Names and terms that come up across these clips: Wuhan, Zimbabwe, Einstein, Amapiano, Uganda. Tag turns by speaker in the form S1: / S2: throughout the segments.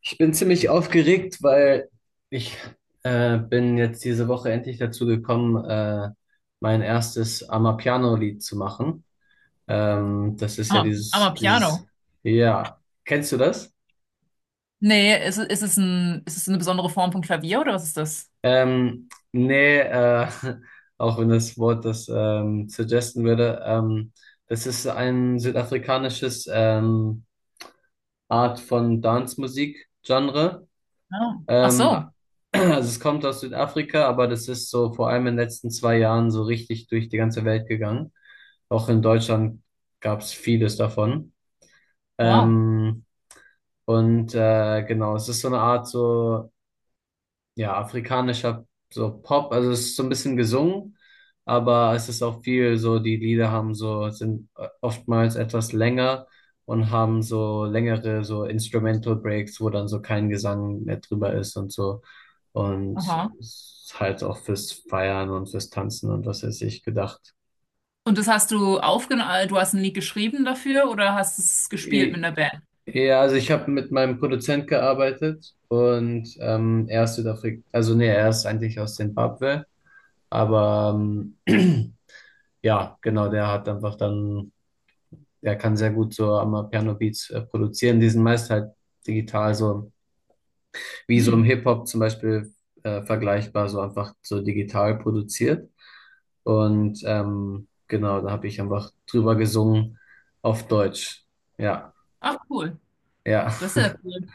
S1: Ich bin ziemlich aufgeregt, weil ich bin jetzt diese Woche endlich dazu gekommen, mein erstes Amapiano-Lied zu machen. Das ist ja
S2: Aber, aber Piano.
S1: ja, kennst du das?
S2: Nee, ist es ein, ist es eine besondere Form von Klavier oder was ist das?
S1: Nee, auch wenn das Wort das suggesten würde. Das ist ein südafrikanisches Art von Dance-Musik-Genre.
S2: Ah. Ach
S1: Ähm,
S2: so.
S1: also es kommt aus Südafrika, aber das ist so vor allem in den letzten zwei Jahren so richtig durch die ganze Welt gegangen. Auch in Deutschland gab es vieles davon.
S2: Wow.
S1: Ähm, und genau, es ist so eine Art so ja, afrikanischer so Pop, also es ist so ein bisschen gesungen, aber es ist auch viel so, die Lieder haben so, sind oftmals etwas länger und haben so längere so Instrumental Breaks, wo dann so kein Gesang mehr drüber ist und so. Und
S2: Aha.
S1: es ist halt auch fürs Feiern und fürs Tanzen und was weiß ich gedacht.
S2: Und das hast du aufgenommen, du hast ein Lied geschrieben dafür oder hast es gespielt
S1: E-
S2: mit einer Band?
S1: Ja, also ich habe mit meinem Produzent gearbeitet und er ist Südafrika, also nee, er ist eigentlich aus Zimbabwe, aber ja, genau, der hat einfach dann, der kann sehr gut so am Piano Beats produzieren. Die sind meist halt digital, so wie so im
S2: Hm.
S1: Hip-Hop zum Beispiel vergleichbar, so einfach so digital produziert. Und genau, da habe ich einfach drüber gesungen auf Deutsch. Ja,
S2: Ach cool.
S1: ja.
S2: Das ist ja cool.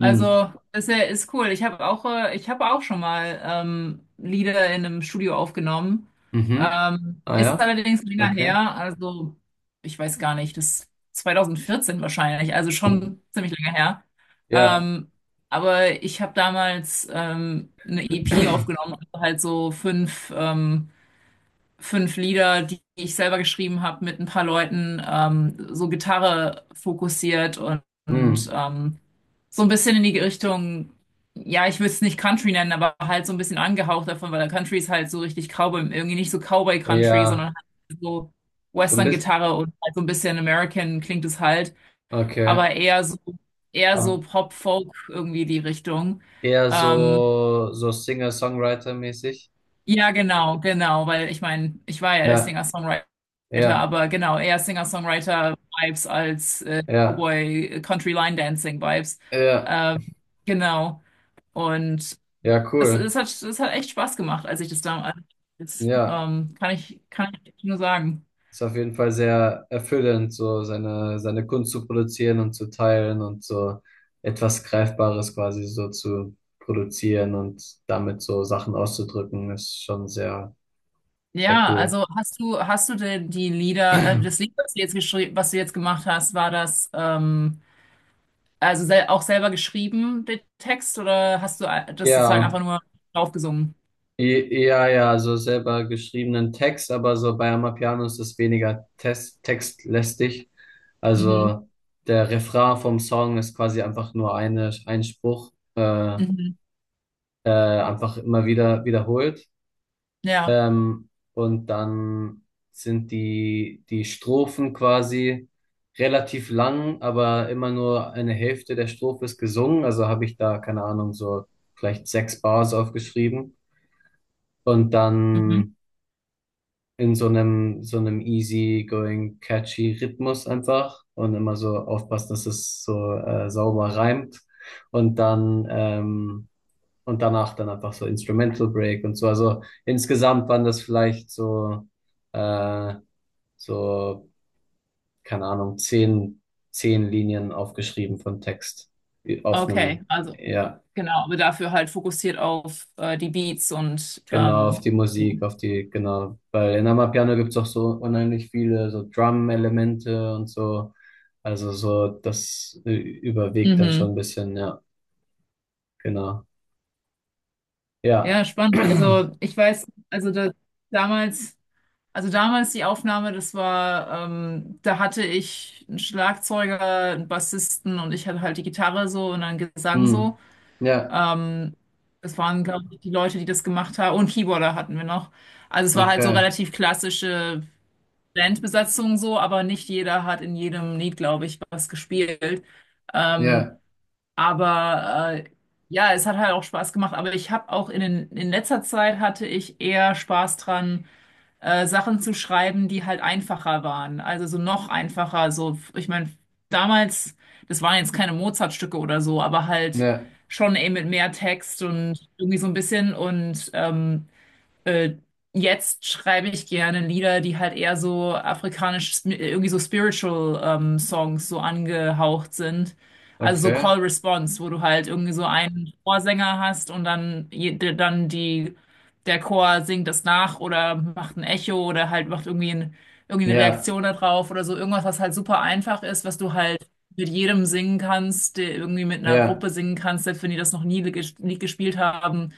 S1: Mm.
S2: ist ja, ist cool. Ich habe auch schon mal Lieder in einem Studio aufgenommen.
S1: Mhm. Ah
S2: Ist
S1: ja,
S2: allerdings länger
S1: okay.
S2: her. Also, ich weiß gar nicht, das 2014 wahrscheinlich. Also schon ziemlich länger her.
S1: Ja.
S2: Ähm, aber ich habe damals eine EP aufgenommen, also halt so fünf fünf Lieder, die ich selber geschrieben habe, mit ein paar Leuten, so Gitarre fokussiert und
S1: Hm,
S2: so ein bisschen in die Richtung, ja, ich würde es nicht Country nennen, aber halt so ein bisschen angehaucht davon, weil der Country ist halt so richtig Cowboy, irgendwie nicht so Cowboy Country,
S1: ja,
S2: sondern halt so
S1: so ein bisschen,
S2: Western-Gitarre und halt so ein bisschen American klingt es halt,
S1: okay.
S2: aber eher so
S1: Ab-
S2: Pop-Folk irgendwie die Richtung.
S1: Eher
S2: Ähm,
S1: so, so Singer-Songwriter-mäßig.
S2: ja, genau, weil ich meine, ich war ja der
S1: Ja,
S2: Singer-Songwriter,
S1: ja,
S2: aber genau, eher Singer-Songwriter-Vibes als
S1: ja,
S2: Cowboy-Country-Line-Dancing-Vibes.
S1: ja,
S2: Ähm, genau, und
S1: ja,
S2: es,
S1: cool.
S2: es hat, es hat echt Spaß gemacht, als ich das damals,
S1: Ja,
S2: kann ich nur sagen.
S1: ist auf jeden Fall sehr erfüllend, so seine Kunst zu produzieren und zu teilen und so etwas Greifbares quasi so zu produzieren und damit so Sachen auszudrücken, ist schon sehr
S2: Ja,
S1: cool.
S2: also hast du denn die Lieder, das Lied, was du jetzt geschrieben, was du jetzt gemacht hast, war das also sel auch selber geschrieben, der Text, oder hast du das sozusagen
S1: Ja.
S2: einfach nur draufgesungen?
S1: Ja, ja, so selber geschriebenen Text, aber so bei Amapiano ist es weniger test textlästig.
S2: Mhm.
S1: Also der Refrain vom Song ist quasi einfach ein Spruch,
S2: Mhm.
S1: einfach immer wieder wiederholt.
S2: Ja.
S1: Ähm, und dann sind die Strophen quasi relativ lang, aber immer nur eine Hälfte der Strophe ist gesungen. Also habe ich da, keine Ahnung, so vielleicht sechs Bars aufgeschrieben. Und
S2: Mhm.
S1: dann in so einem easy-going, catchy Rhythmus einfach und immer so aufpassen, dass es so sauber reimt und dann und danach dann einfach so Instrumental Break und so. Also insgesamt waren das vielleicht so äh, so, keine Ahnung, zehn Linien aufgeschrieben von Text äh, auf
S2: Okay,
S1: einem,
S2: also
S1: ja.
S2: genau, aber dafür halt fokussiert auf die Beats und
S1: Genau, auf die
S2: ja.
S1: Musik, genau. Weil in Amapiano gibt's auch so unheimlich viele so Drum-Elemente und so. Also so, das überwiegt dann
S2: Mhm.
S1: schon ein bisschen, ja, genau. Ja.
S2: Ja, spannend. Also ich weiß, also da, damals, also damals die Aufnahme, das war, da hatte ich einen Schlagzeuger, einen Bassisten und ich hatte halt die Gitarre so und dann Gesang
S1: Hm.
S2: so.
S1: Ja,
S2: Ähm, Das waren, glaube ich, die Leute, die das gemacht haben. Und Keyboarder hatten wir noch. Also es war halt so
S1: okay.
S2: relativ klassische Bandbesetzung so, aber nicht jeder hat in jedem Lied, glaube ich, was gespielt. Ähm,
S1: Ja,
S2: aber ja, es hat halt auch Spaß gemacht. Aber ich habe auch in letzter Zeit hatte ich eher Spaß dran, Sachen zu schreiben, die halt einfacher waren. Also so noch einfacher. So, ich meine, damals, das waren jetzt keine Mozart-Stücke oder so, aber halt
S1: ja,
S2: schon eben mit mehr Text und irgendwie so ein bisschen und äh, jetzt schreibe ich gerne Lieder, die halt eher so afrikanisch, irgendwie so spiritual Songs so angehaucht sind. Also so
S1: okay.
S2: Call Response, wo du halt irgendwie so einen Chorsänger hast und dann, dann die, der Chor singt das nach oder macht ein Echo oder halt macht irgendwie ein, irgendwie eine
S1: Ja,
S2: Reaktion darauf oder so. Irgendwas, was halt super einfach ist, was du halt mit jedem singen kannst, der irgendwie mit einer
S1: ja,
S2: Gruppe singen kannst, selbst wenn die das noch nie Lied gespielt haben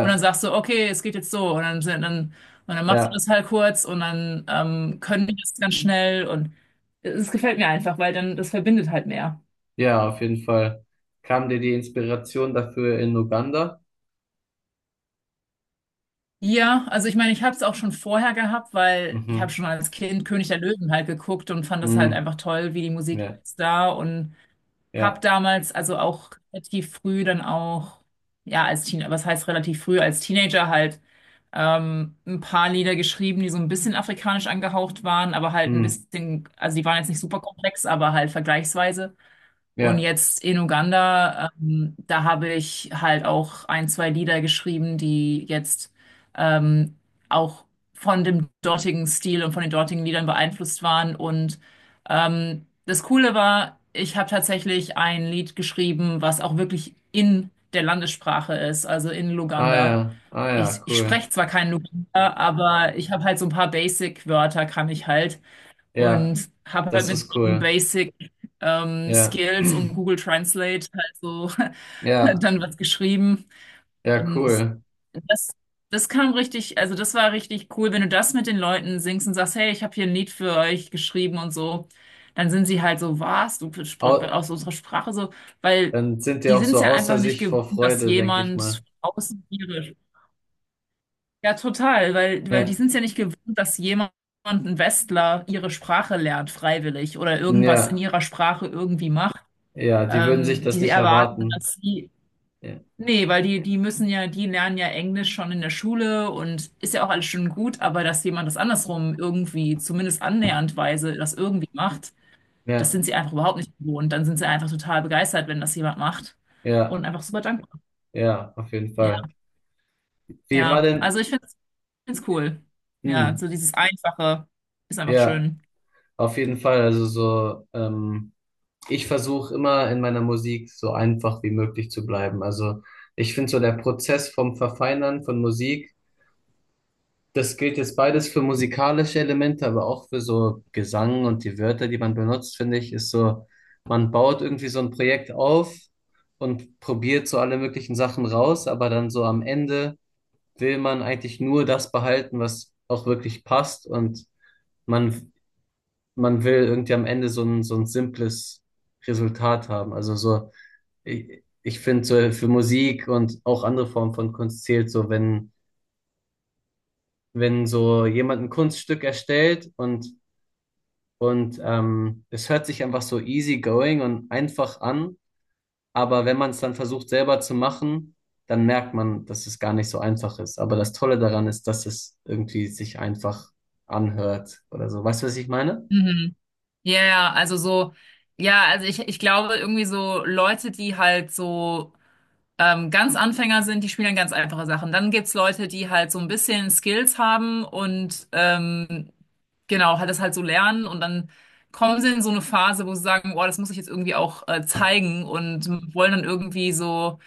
S2: und dann sagst du, okay, es geht jetzt so. Und dann, und dann machst du
S1: ja,
S2: das halt kurz und dann können die das ganz schnell. Und es gefällt mir einfach, weil dann das verbindet halt mehr.
S1: ja, auf jeden Fall. Kam dir die Inspiration dafür in Uganda?
S2: Ja, also ich meine, ich habe es auch schon vorher gehabt, weil ich habe
S1: Mhm.
S2: schon als Kind König der Löwen halt geguckt und fand das halt
S1: Mhm.
S2: einfach toll, wie die Musik
S1: Ja,
S2: ist da und hab
S1: ja,
S2: damals, also auch relativ früh dann auch, ja, als Teenager, was heißt relativ früh, als Teenager halt ein paar Lieder geschrieben, die so ein bisschen afrikanisch angehaucht waren, aber halt ein
S1: mhm.
S2: bisschen, also die waren jetzt nicht super komplex, aber halt vergleichsweise. Und
S1: Ja.
S2: jetzt in Uganda, da habe ich halt auch ein, zwei Lieder geschrieben, die jetzt ähm, auch von dem dortigen Stil und von den dortigen Liedern beeinflusst waren. Und das Coole war, ich habe tatsächlich ein Lied geschrieben, was auch wirklich in der Landessprache ist, also in
S1: Ah
S2: Luganda.
S1: ja, ah ja,
S2: Ich
S1: cool.
S2: spreche zwar kein Luganda, aber ich habe halt so ein paar Basic-Wörter, kann ich halt.
S1: Ja.
S2: Und habe halt
S1: Das
S2: mit
S1: ist
S2: den
S1: cool.
S2: Basic
S1: Ja,
S2: Skills und Google Translate halt so
S1: ja,
S2: dann was geschrieben.
S1: ja,
S2: Und
S1: cool.
S2: das, das kam richtig, also das war richtig cool, wenn du das mit den Leuten singst und sagst, hey, ich habe hier ein Lied für euch geschrieben und so, dann sind sie halt so, was,
S1: Au,
S2: aus unserer Sprache so, weil
S1: dann sind die
S2: die
S1: auch
S2: sind es
S1: so
S2: ja
S1: außer
S2: einfach nicht
S1: sich
S2: gewöhnt,
S1: vor
S2: dass
S1: Freude, denke ich
S2: jemand
S1: mal.
S2: außen ihre ja, total, weil die
S1: Ja,
S2: sind es ja nicht gewohnt, dass jemand, ein Westler, ihre Sprache lernt, freiwillig oder irgendwas in
S1: ja,
S2: ihrer Sprache irgendwie macht.
S1: ja, die würden sich das
S2: Die
S1: nicht
S2: erwarten,
S1: erwarten.
S2: dass sie,
S1: Ja,
S2: nee, weil die müssen ja, die lernen ja Englisch schon in der Schule und ist ja auch alles schon gut, aber dass jemand das andersrum irgendwie, zumindest annäherndweise, das irgendwie macht, das
S1: ja,
S2: sind sie einfach überhaupt nicht gewohnt. Dann sind sie einfach total begeistert, wenn das jemand macht und
S1: ja,
S2: einfach super dankbar.
S1: ja, auf jeden
S2: Ja,
S1: Fall. Wie war
S2: ja.
S1: denn,
S2: Also ich finde find's cool. Ja,
S1: hm,
S2: so dieses Einfache ist einfach
S1: ja,
S2: schön.
S1: auf jeden Fall. Also so, ich versuche immer in meiner Musik so einfach wie möglich zu bleiben. Also ich finde so der Prozess vom Verfeinern von Musik. Das gilt jetzt beides für musikalische Elemente, aber auch für so Gesang und die Wörter, die man benutzt, finde ich, ist so, man baut irgendwie so ein Projekt auf und probiert so alle möglichen Sachen raus, aber dann so am Ende will man eigentlich nur das behalten, was auch wirklich passt und man, man will irgendwie am Ende so ein simples Resultat haben. Also so, ich finde so für Musik und auch andere Formen von Kunst zählt so, wenn, wenn so jemand ein Kunststück erstellt und. Und es hört sich einfach so easy going und einfach an, aber wenn man es dann versucht selber zu machen, dann merkt man, dass es gar nicht so einfach ist. Aber das Tolle daran ist, dass es irgendwie sich einfach anhört oder so. Weißt du, was ich meine?
S2: Mhm. Ja, ja, also so, ja, also ich glaube irgendwie so Leute, die halt so ganz Anfänger sind, die spielen ganz einfache Sachen. Dann gibt's Leute, die halt so ein bisschen Skills haben und genau, halt das halt so lernen und dann kommen sie in so eine Phase, wo sie sagen, boah, das muss ich jetzt irgendwie auch zeigen und wollen dann irgendwie so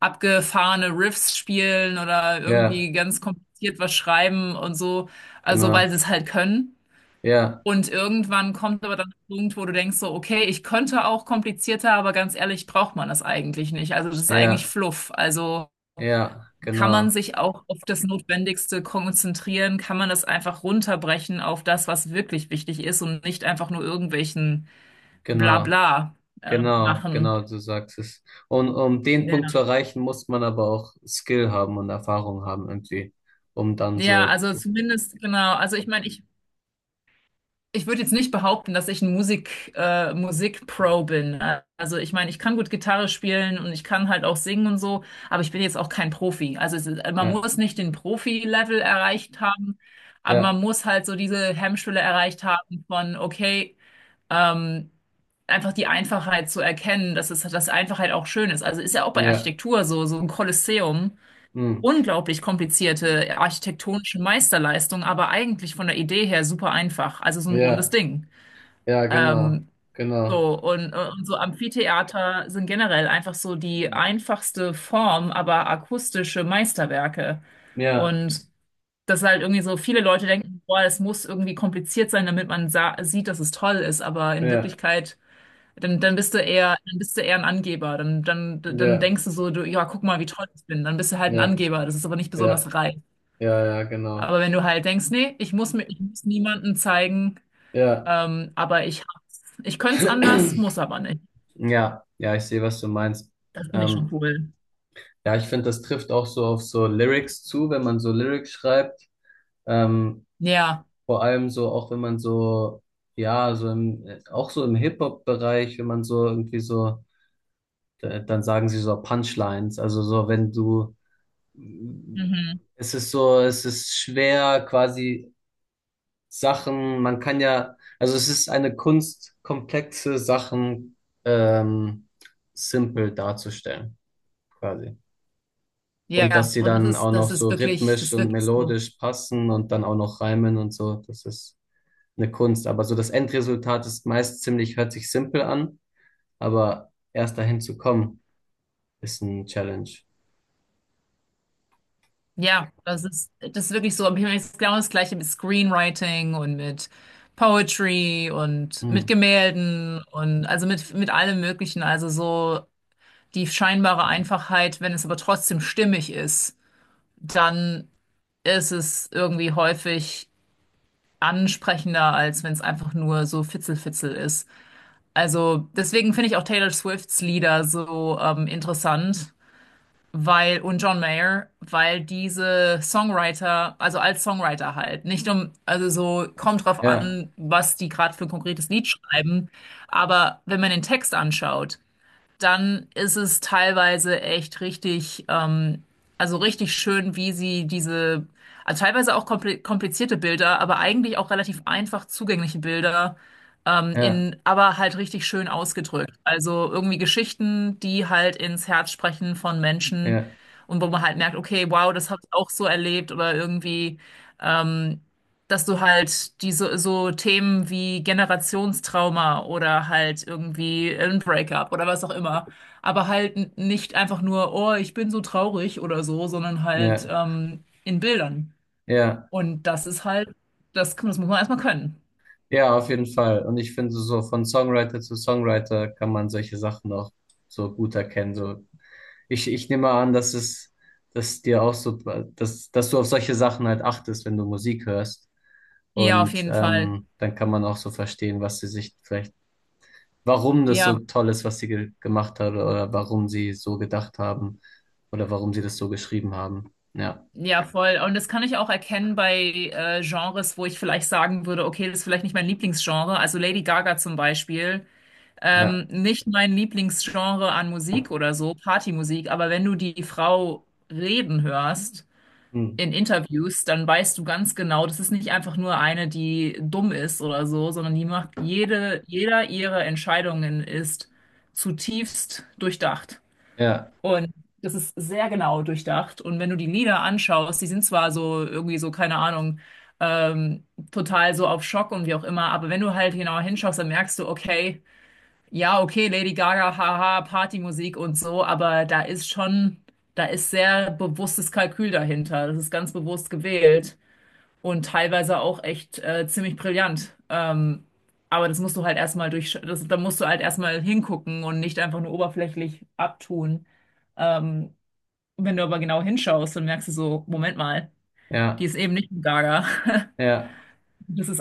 S2: abgefahrene Riffs spielen oder
S1: Ja,
S2: irgendwie ganz kompliziert was schreiben und so, also weil
S1: genau.
S2: sie es halt können.
S1: Ja,
S2: Und irgendwann kommt aber dann der Punkt, wo du denkst so, okay, ich könnte auch komplizierter, aber ganz ehrlich, braucht man das eigentlich nicht. Also das ist eigentlich
S1: ja,
S2: Fluff. Also
S1: ja,
S2: kann man sich auch auf das Notwendigste konzentrieren? Kann man das einfach runterbrechen auf das, was wirklich wichtig ist und nicht einfach nur irgendwelchen
S1: genau,
S2: Blabla äh,
S1: genau,
S2: machen?
S1: genau, du sagst es. Und um den Punkt
S2: Ja.
S1: zu erreichen, muss man aber auch Skill haben und Erfahrung haben irgendwie, um dann
S2: Ja,
S1: so,
S2: also zumindest, genau. Also ich meine, ich würde jetzt nicht behaupten, dass ich ein Musik-Pro bin. Also ich meine, ich kann gut Gitarre spielen und ich kann halt auch singen und so, aber ich bin jetzt auch kein Profi. Also man
S1: ja,
S2: muss nicht den Profi-Level erreicht haben, aber
S1: ja,
S2: man muss halt so diese Hemmschwelle erreicht haben von, okay, Ähm, einfach die Einfachheit zu erkennen, dass es, dass Einfachheit auch schön ist. Also ist ja auch bei
S1: ja.
S2: Architektur so, so ein Kolosseum.
S1: Hm.
S2: Unglaublich komplizierte architektonische Meisterleistung, aber eigentlich von der Idee her super einfach. Also so ein rundes
S1: Ja,
S2: Ding.
S1: ja,
S2: Ähm,
S1: genau.
S2: so, und so Amphitheater sind generell einfach so die einfachste Form, aber akustische Meisterwerke.
S1: Ja,
S2: Und dass halt irgendwie so viele Leute denken, boah, es muss irgendwie kompliziert sein, damit man sa sieht, dass es toll ist, aber in
S1: ja,
S2: Wirklichkeit dann bist du eher ein Angeber. Dann
S1: ja,
S2: denkst du so, du, ja, guck mal, wie toll ich bin. Dann bist du halt ein
S1: ja,
S2: Angeber. Das ist aber nicht
S1: ja,
S2: besonders reif.
S1: ja, ja, genau.
S2: Aber wenn du halt denkst, nee, ich muss niemandem zeigen,
S1: Ja,
S2: aber ich hab's. Ich könnte es anders, muss aber nicht.
S1: ja, ich sehe, was du meinst.
S2: Das finde ich schon
S1: Ähm,
S2: cool.
S1: ja, ich finde, das trifft auch so auf so Lyrics zu, wenn man so Lyrics schreibt. Ähm,
S2: Ja.
S1: Vor allem so, auch wenn man so, ja, so im, auch so im Hip-Hop-Bereich, wenn man so irgendwie so, dann sagen sie so Punchlines. Also so, wenn du,
S2: Mhm.
S1: es ist so, es ist schwer quasi Sachen, man kann ja, also es ist eine Kunst, komplexe Sachen ähm, simpel darzustellen, quasi. Und dass
S2: Ja.
S1: sie
S2: Und das
S1: dann auch
S2: ist,
S1: noch
S2: das ist
S1: so
S2: wirklich, das
S1: rhythmisch
S2: ist
S1: und
S2: wirklich so.
S1: melodisch passen und dann auch noch reimen und so, das ist eine Kunst. Aber so das Endresultat ist meist ziemlich, hört sich simpel an, aber erst dahin zu kommen, ist ein Challenge.
S2: Ja, das ist wirklich so. Im Himmel ist genau das Gleiche mit Screenwriting und mit Poetry und mit
S1: Hm.
S2: Gemälden und also mit allem Möglichen. Also so die scheinbare Einfachheit, wenn es aber trotzdem stimmig ist, dann ist es irgendwie häufig ansprechender, als wenn es einfach nur so Fitzelfitzel ist. Also deswegen finde ich auch Taylor Swifts Lieder so interessant, weil und John Mayer, weil diese Songwriter, also als Songwriter halt, nicht um, also so kommt drauf
S1: Ja,
S2: an, was die gerade für ein konkretes Lied schreiben, aber wenn man den Text anschaut, dann ist es teilweise echt richtig, also richtig schön, wie sie diese, also teilweise auch komplizierte Bilder, aber eigentlich auch relativ einfach zugängliche Bilder,
S1: ja,
S2: in, aber halt richtig schön ausgedrückt. Also irgendwie Geschichten, die halt ins Herz sprechen von Menschen
S1: ja,
S2: und wo man halt merkt, okay, wow, das habe ich auch so erlebt oder irgendwie. Ähm, Dass du halt diese so so Themen wie Generationstrauma oder halt irgendwie ein Breakup oder was auch immer, aber halt nicht einfach nur, oh, ich bin so traurig oder so, sondern halt
S1: ja,
S2: in Bildern.
S1: ja.
S2: Und das ist halt, das muss man erstmal können.
S1: Ja, auf jeden Fall. Und ich finde, so von Songwriter zu Songwriter kann man solche Sachen auch so gut erkennen. So, ich nehme an, dass es, dass dir auch so, dass du auf solche Sachen halt achtest, wenn du Musik hörst.
S2: Ja, auf
S1: Und
S2: jeden Fall.
S1: dann kann man auch so verstehen, was sie sich vielleicht, warum das
S2: Ja,
S1: so toll ist, was sie ge gemacht hat oder warum sie so gedacht haben oder warum sie das so geschrieben haben. Ja,
S2: ja, voll. Und das kann ich auch erkennen bei Genres, wo ich vielleicht sagen würde, okay, das ist vielleicht nicht mein Lieblingsgenre. Also Lady Gaga zum Beispiel.
S1: ja,
S2: Nicht mein Lieblingsgenre an Musik oder so, Partymusik, aber wenn du die Frau reden hörst
S1: hm.
S2: in Interviews, dann weißt du ganz genau, das ist nicht einfach nur eine, die dumm ist oder so, sondern die macht jede, jeder ihrer Entscheidungen ist zutiefst durchdacht.
S1: ja,
S2: Und das ist sehr genau durchdacht. Und wenn du die Lieder anschaust, die sind zwar so irgendwie so, keine Ahnung, ähm, total so auf Schock und wie auch immer, aber wenn du halt genauer hinschaust, dann merkst du, okay, ja, okay, Lady Gaga, haha, Partymusik und so, aber da ist schon, da ist sehr bewusstes Kalkül dahinter. Das ist ganz bewusst gewählt und teilweise auch echt ziemlich brillant. Aber das musst du halt erstmal durch, das, da musst du halt erstmal hingucken und nicht einfach nur oberflächlich abtun. Ähm, wenn du aber genau hinschaust, dann merkst du so, Moment mal, die
S1: ja,
S2: ist eben nicht ein Gaga.
S1: ja.
S2: Das ist